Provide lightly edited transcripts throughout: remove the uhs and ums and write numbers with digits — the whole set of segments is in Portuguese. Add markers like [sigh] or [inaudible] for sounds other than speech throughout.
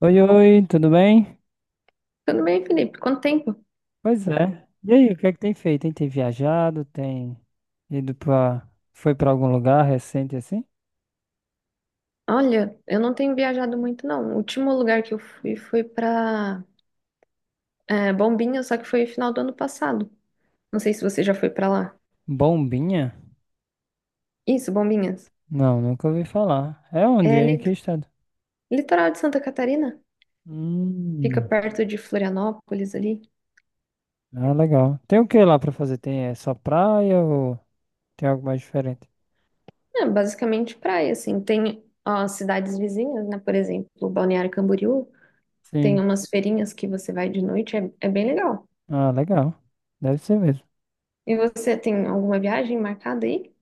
Oi, oi, tudo bem? Tudo bem, Felipe? Quanto tempo? Pois é. E aí, o que é que tem feito, hein? Tem viajado, tem ido pra... Foi pra algum lugar recente assim? Olha, eu não tenho viajado muito, não. O último lugar que eu fui foi pra Bombinhas, só que foi final do ano passado. Não sei se você já foi pra lá. Bombinha? Isso, Bombinhas. Não, nunca ouvi falar. É É onde? É em que lit- estado? litoral de Santa Catarina. Fica Hum, perto de Florianópolis ali. ah, legal. Tem o que lá pra fazer? Tem é só praia ou tem algo mais diferente? É basicamente praia, assim. Tem ó, cidades vizinhas, né? Por exemplo, Balneário Camboriú. Tem Sim. umas feirinhas que você vai de noite. É bem legal. Ah, legal. Deve ser mesmo. E você tem alguma viagem marcada aí?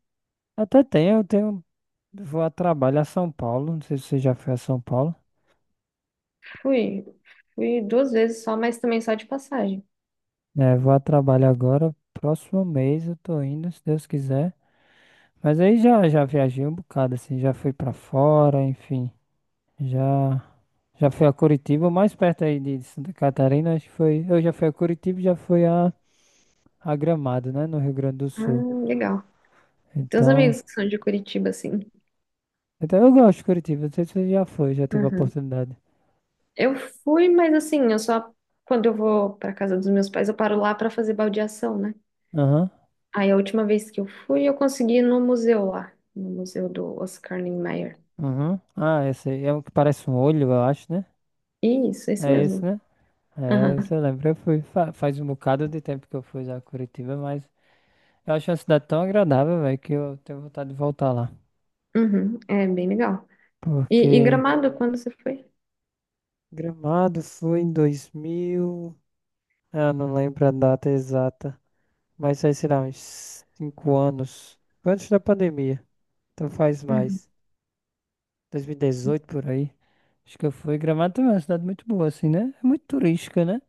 Até tem, eu tenho... Vou a trabalho a São Paulo, não sei se você já foi a São Paulo. Fui, fui duas vezes só, mas também só de passagem. É, vou a trabalho agora. Próximo mês eu tô indo, se Deus quiser. Mas aí já viajei um bocado, assim, já fui pra fora, enfim. Já, já fui a Curitiba, mais perto aí de Santa Catarina, acho que foi. Eu já fui a Curitiba e já fui a Gramado, né, no Rio Grande do Ah, Sul. legal. Tem uns Então, amigos que são de Curitiba, assim. então eu gosto de Curitiba, não sei se você já foi, já teve a Uhum. oportunidade. Eu fui, mas assim, eu só quando eu vou pra casa dos meus pais, eu paro lá pra fazer baldeação, né? Aham, Aí a última vez que eu fui, eu consegui ir no museu lá, no museu do Oscar Niemeyer. aham. Ah, esse aí é o que parece um olho, eu acho, né? Isso, esse É esse, mesmo. né? Aham. É, isso eu lembro. Eu fui, faz um bocado de tempo que eu fui a Curitiba, mas eu acho uma cidade tão agradável, velho, que eu tenho vontade de voltar lá. Uhum. É bem legal. E Porque Gramado, quando você foi? Gramado foi em 2000, ah, não lembro a data exata. Mas aí, sei lá, uns 5 anos. Foi antes da pandemia. Então faz Uhum. mais. 2018 por aí. Acho que eu fui. Gramado também é uma cidade muito boa, assim, né? É muito turística, né?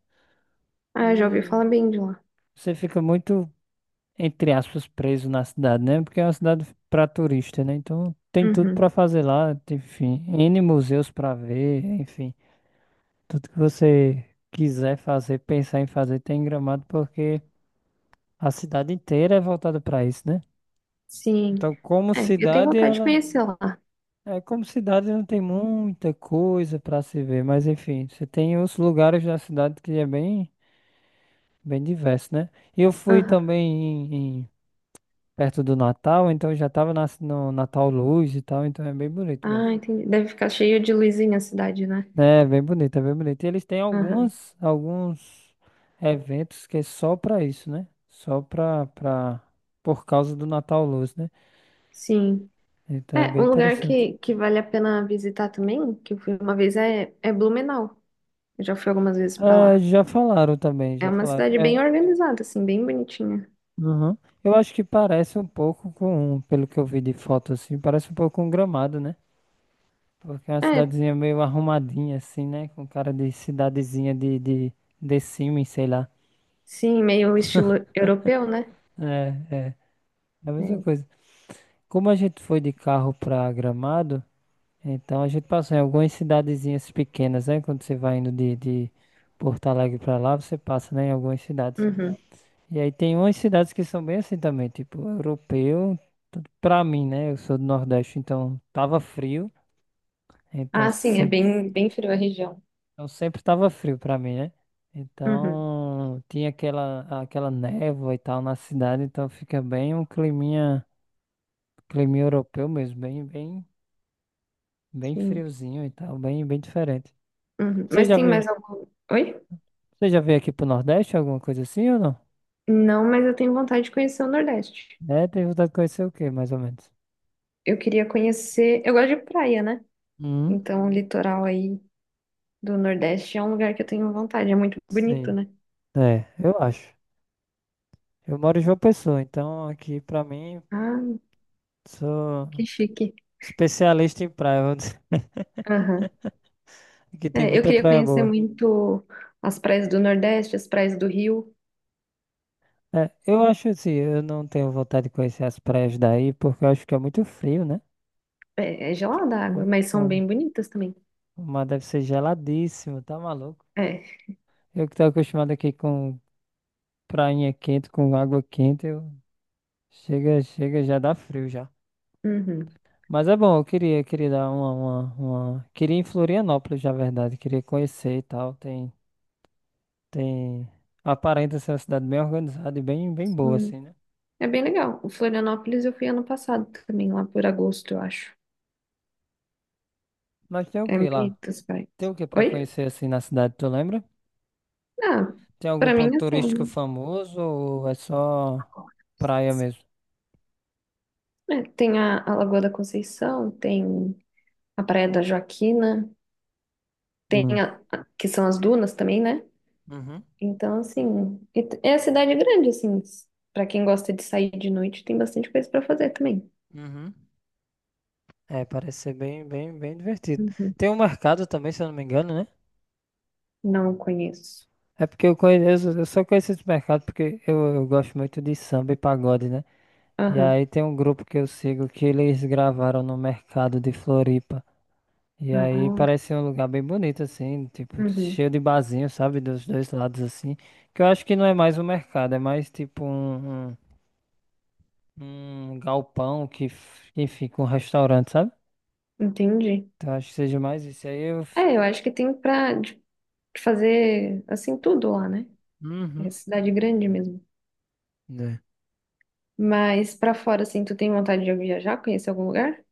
Ah, já ouvi E falar bem de lá. você fica muito, entre aspas, preso na cidade, né? Porque é uma cidade pra turista, né? Então tem tudo Uhum. pra fazer lá. Enfim, N museus pra ver, enfim. Tudo que você quiser fazer, pensar em fazer, tem em Gramado, porque a cidade inteira é voltada para isso, né? Sim. Então, como É, eu tenho cidade, vontade de ela. conhecer lá. É, como cidade não tem muita coisa para se ver, mas enfim, você tem os lugares da cidade que é bem, bem diverso, né? E eu fui Aham. também em- em- perto do Natal, então eu já estava no Natal Luz e tal, então é bem bonito Ah, mesmo. entendi. Deve ficar cheio de luzinha a cidade, né? É bem bonito, é bem bonito. E eles têm Aham. algumas, alguns eventos que é só pra isso, né? Só pra, pra, por causa do Natal Luz, né? Sim. Então é É, bem um lugar interessante. que vale a pena visitar também, que eu fui uma vez, é Blumenau. Eu já fui algumas vezes pra É, lá. já falaram também, É já uma falaram. cidade É, bem organizada, assim, bem bonitinha. uhum. Eu acho que parece um pouco com, pelo que eu vi de foto assim, parece um pouco com Gramado, né? Porque é uma É, cidadezinha meio arrumadinha assim, né? Com cara de cidadezinha de Sims, sei lá. sim, meio estilo europeu, né? É, é, é a mesma É. coisa. Como a gente foi de carro pra Gramado, então a gente passou em algumas cidadezinhas pequenas, né? Quando você vai indo de Porto Alegre pra lá, você passa, né, em algumas cidades. Uhum. E aí tem umas cidades que são bem assim também, tipo europeu. Pra mim, né? Eu sou do Nordeste, então tava frio. Então, Ah, sim, é se- bem frio a região. Então sempre tava frio pra mim, né? Uhum, Então tinha aquela, aquela névoa e tal na cidade, então fica bem um climinha, climinha europeu mesmo, bem, bem, bem sim. friozinho e tal, bem, bem diferente. Uhum. Você Mas já tem viu? mais algum. Oi? Você já veio aqui pro Nordeste, alguma coisa assim ou não? Não, mas eu tenho vontade de conhecer o Nordeste. É, tem vontade de conhecer o quê, mais ou menos? Eu queria conhecer. Eu gosto de praia, né? Hum, Então, o litoral aí do Nordeste é um lugar que eu tenho vontade. É muito bonito, sim. né? É, eu acho. Eu moro em João Pessoa, então aqui pra mim Ah, sou que chique. especialista em praia. Vamos dizer. Aham. [laughs] Aqui tem É, eu muita queria praia conhecer boa. muito as praias do Nordeste, as praias do Rio. É, eu acho assim, eu não tenho vontade de conhecer as praias daí, porque eu acho que é muito frio, né? É, é gelada a água, Tipo, mas são bem bonitas também. o mar deve ser geladíssimo, tá maluco? É. Eu que tô acostumado aqui com prainha quente, com água quente, eu chega, chega, já dá frio já. Uhum. Mas é bom, eu queria, queria dar uma, queria ir em Florianópolis, na verdade, queria conhecer e tal. Tem, tem... Aparenta ser uma cidade bem organizada e bem, bem boa, Hum. assim, né? É bem legal. O Florianópolis eu fui ano passado também, lá por agosto, eu acho. Mas tem o É que lá? bonito as praias. Tem o que pra Oi? conhecer, assim, na cidade, tu lembra? Ah, Tem algum pra mim ponto é assim, turístico né? famoso ou é só praia mesmo? É, tem a Lagoa da Conceição, tem a Praia da Joaquina, tem Hum. Que são as dunas também, né? Uhum, Então, assim, é a cidade grande, pra quem gosta de sair de noite, tem bastante coisa pra fazer também. uhum. É, parece ser bem, bem, bem divertido. Uhum. Tem um mercado também, se eu não me engano, né? Não conheço. É porque eu conheço, eu só conheço esse mercado porque eu gosto muito de samba e pagode, né? E Aham. aí tem um grupo que eu sigo que eles gravaram no mercado de Floripa. E aí Ah, parece um lugar bem bonito, assim, tipo, uhum. cheio de barzinho, sabe? Dos dois lados, assim. Que eu acho que não é mais um mercado, é mais tipo um, um, um galpão que, que fica um restaurante, sabe? Entendi. Então acho que seja mais isso. Aí eu. É, eu acho que tem de fazer, assim, tudo lá, né? É Uhum. cidade grande mesmo. Né. Mas pra fora, assim, tu tem vontade de viajar, conhecer algum lugar?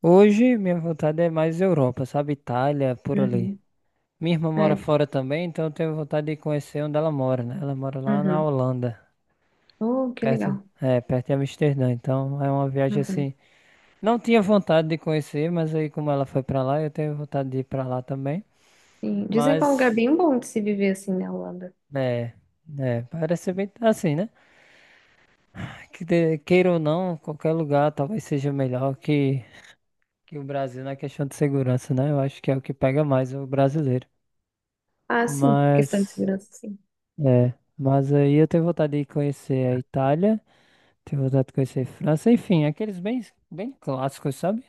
Hoje minha vontade é mais Europa, sabe? Itália, por ali. Uhum. Minha irmã mora É. fora também, então eu tenho vontade de conhecer onde ela mora, né? Ela mora lá na Uhum. Holanda. Oh, que Perto, legal. é, perto em Amsterdã, então é uma viagem Uhum. assim. Não tinha vontade de conhecer, mas aí como ela foi pra lá, eu tenho vontade de ir pra lá também. Sim. Dizem que é um lugar Mas, bem bom de se viver, assim, na Holanda. é, é, parece ser bem assim, né? Que de- queira ou não, qualquer lugar talvez seja melhor que o Brasil na questão de segurança, né? Eu acho que é o que pega mais o brasileiro. Ah, sim. Questão de Mas, segurança, sim. é, mas aí eu tenho vontade de conhecer a Itália. Ter vontade de conhecer França, enfim, aqueles bem, bem clássicos, sabe?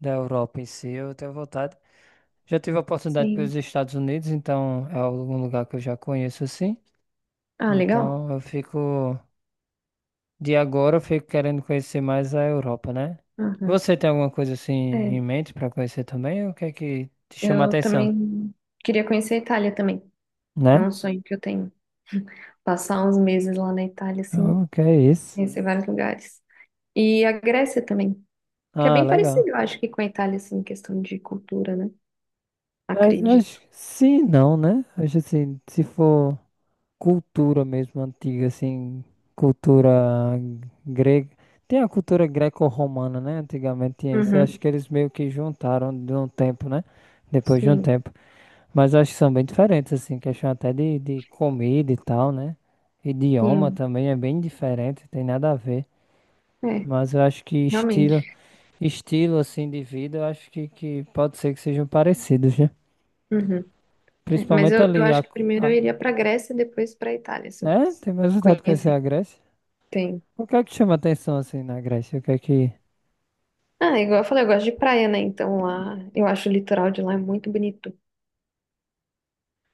Da Europa em si, eu tenho vontade. Já tive a oportunidade Sim. pelos Estados Unidos, então é algum lugar que eu já conheço assim. Ah, legal. Então eu fico, de agora eu fico querendo conhecer mais a Europa, né? Uhum. Você tem alguma coisa assim em É, mente para conhecer também? O que é que te chama a eu atenção, também queria conhecer a Itália também. É né? um sonho que eu tenho. Passar uns meses lá na Itália, assim, O que é isso? conhecer vários lugares. E a Grécia também, que é Ah, bem legal. parecido, eu acho que com a Itália, assim, em questão de cultura, né? Mas Acredito. acho que sim, não, né? Acho assim, se for cultura mesmo antiga, assim, cultura grega. Tem a cultura greco-romana, né? Antigamente tinha isso. Eu acho Uhum. que eles meio que juntaram de um tempo, né? Depois de um Sim, tempo. Mas eu acho que são bem diferentes, assim, questão até de comida e tal, né? Idioma sim. também é bem diferente, tem nada a ver. É, Mas eu acho que estilo, realmente. estilo assim de vida, eu acho que pode ser que sejam parecidos, né? Uhum. É, mas Principalmente eu ali acho que primeiro eu a... iria pra Grécia e depois pra Itália, se eu É? fosse Tem mais vontade de conhecer conhecer. a Grécia? Tem. O que é que chama atenção assim na Grécia? O que é que. Ah, igual eu falei, eu gosto de praia, né? Então lá, eu acho o litoral de lá é muito bonito.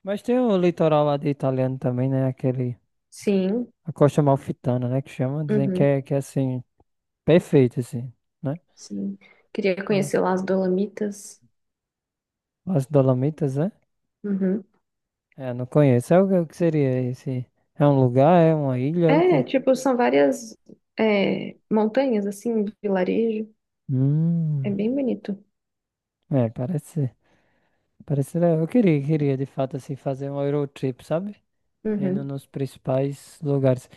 Mas tem o litoral lá de italiano também, né? Aquele. Sim. A Costa Amalfitana, né? Que chama. Dizem Uhum. Que é assim. Perfeito, assim. Né? Sim. Queria Então, conhecer lá as Dolomitas. as Dolomitas, né? Uhum. É, não conheço. É o que seria esse? É um lugar? É uma ilha? É o É, quê? tipo, são várias montanhas, assim, vilarejo. É Hum. bem bonito. É, parece. Parece. Eu queria, queria de fato, assim, fazer um Eurotrip, sabe? Indo Uhum. nos principais lugares.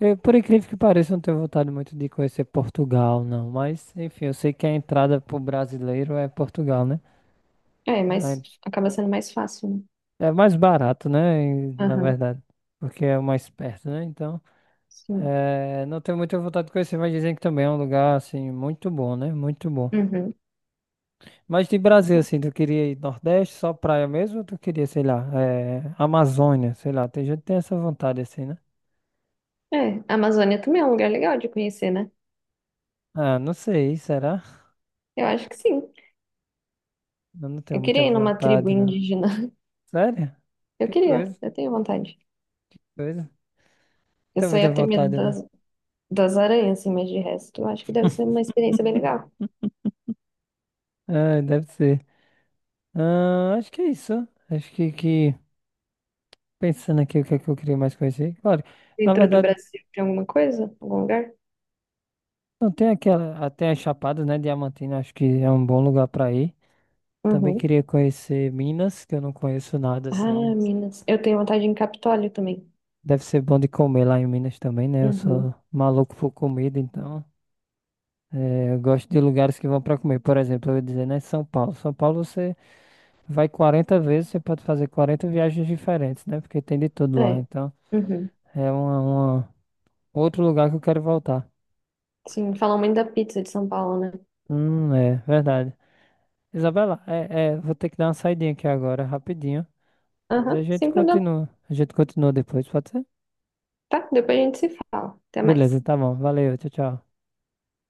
Eu, por incrível que pareça, não tenho vontade muito de conhecer Portugal, não. Mas, enfim, eu sei que a entrada pro brasileiro é Portugal, né? É, mas acaba sendo mais fácil, né? É, é mais barato, né? E, na Aham, verdade, porque é o mais perto, né? Então, sim. é, não tenho muita vontade de conhecer, mas dizem que também é um lugar, assim, muito bom, né? Muito bom. Uhum. Mas de Brasil, assim, tu queria ir Nordeste, só praia mesmo? Ou tu queria, sei lá, é, Amazônia, sei lá. Tem gente que tem essa vontade, assim, né? É, a Amazônia também é um lugar legal de conhecer, né? Ah, não sei, será? Eu acho que sim. Eu não tenho Eu muita queria ir numa tribo vontade, não. indígena. [laughs] Sério? Eu Que queria, coisa. eu tenho vontade. Coisa? Eu Tá só muita ia ter medo vontade, né? das, das aranhas, assim, mas de resto, eu acho que deve ser uma experiência bem legal. Ah, deve ser. Ah, acho que é isso. Acho que pensando aqui o que é que eu queria mais conhecer. Claro, na Dentro do verdade, Brasil, tem alguma coisa? Algum lugar? não tem aquela. Até as Chapadas, né? Diamantina, acho que é um bom lugar pra ir. Também Uhum. queria conhecer Minas, que eu não conheço nada assim. Ah, Minas. Eu tenho vontade em Capitólio também. Deve ser bom de comer lá em Minas também, né? Eu Uhum. sou maluco por comida, então. É, eu gosto de lugares que vão para comer. Por exemplo, eu ia dizer, né, São Paulo. São Paulo você vai 40 vezes, você pode fazer 40 viagens diferentes, né? Porque tem de tudo lá. É. Então, Uhum. é uma, outro lugar que eu quero voltar. Sim, falam muito da pizza de São Paulo, né? É verdade. Isabela, é, é, vou ter que dar uma saidinha aqui agora, rapidinho. Mas a Aham, gente sem problema. continua. A gente continua depois, pode ser? Tá? Depois a gente se fala. Até Beleza, mais. tá bom. Valeu, tchau, tchau.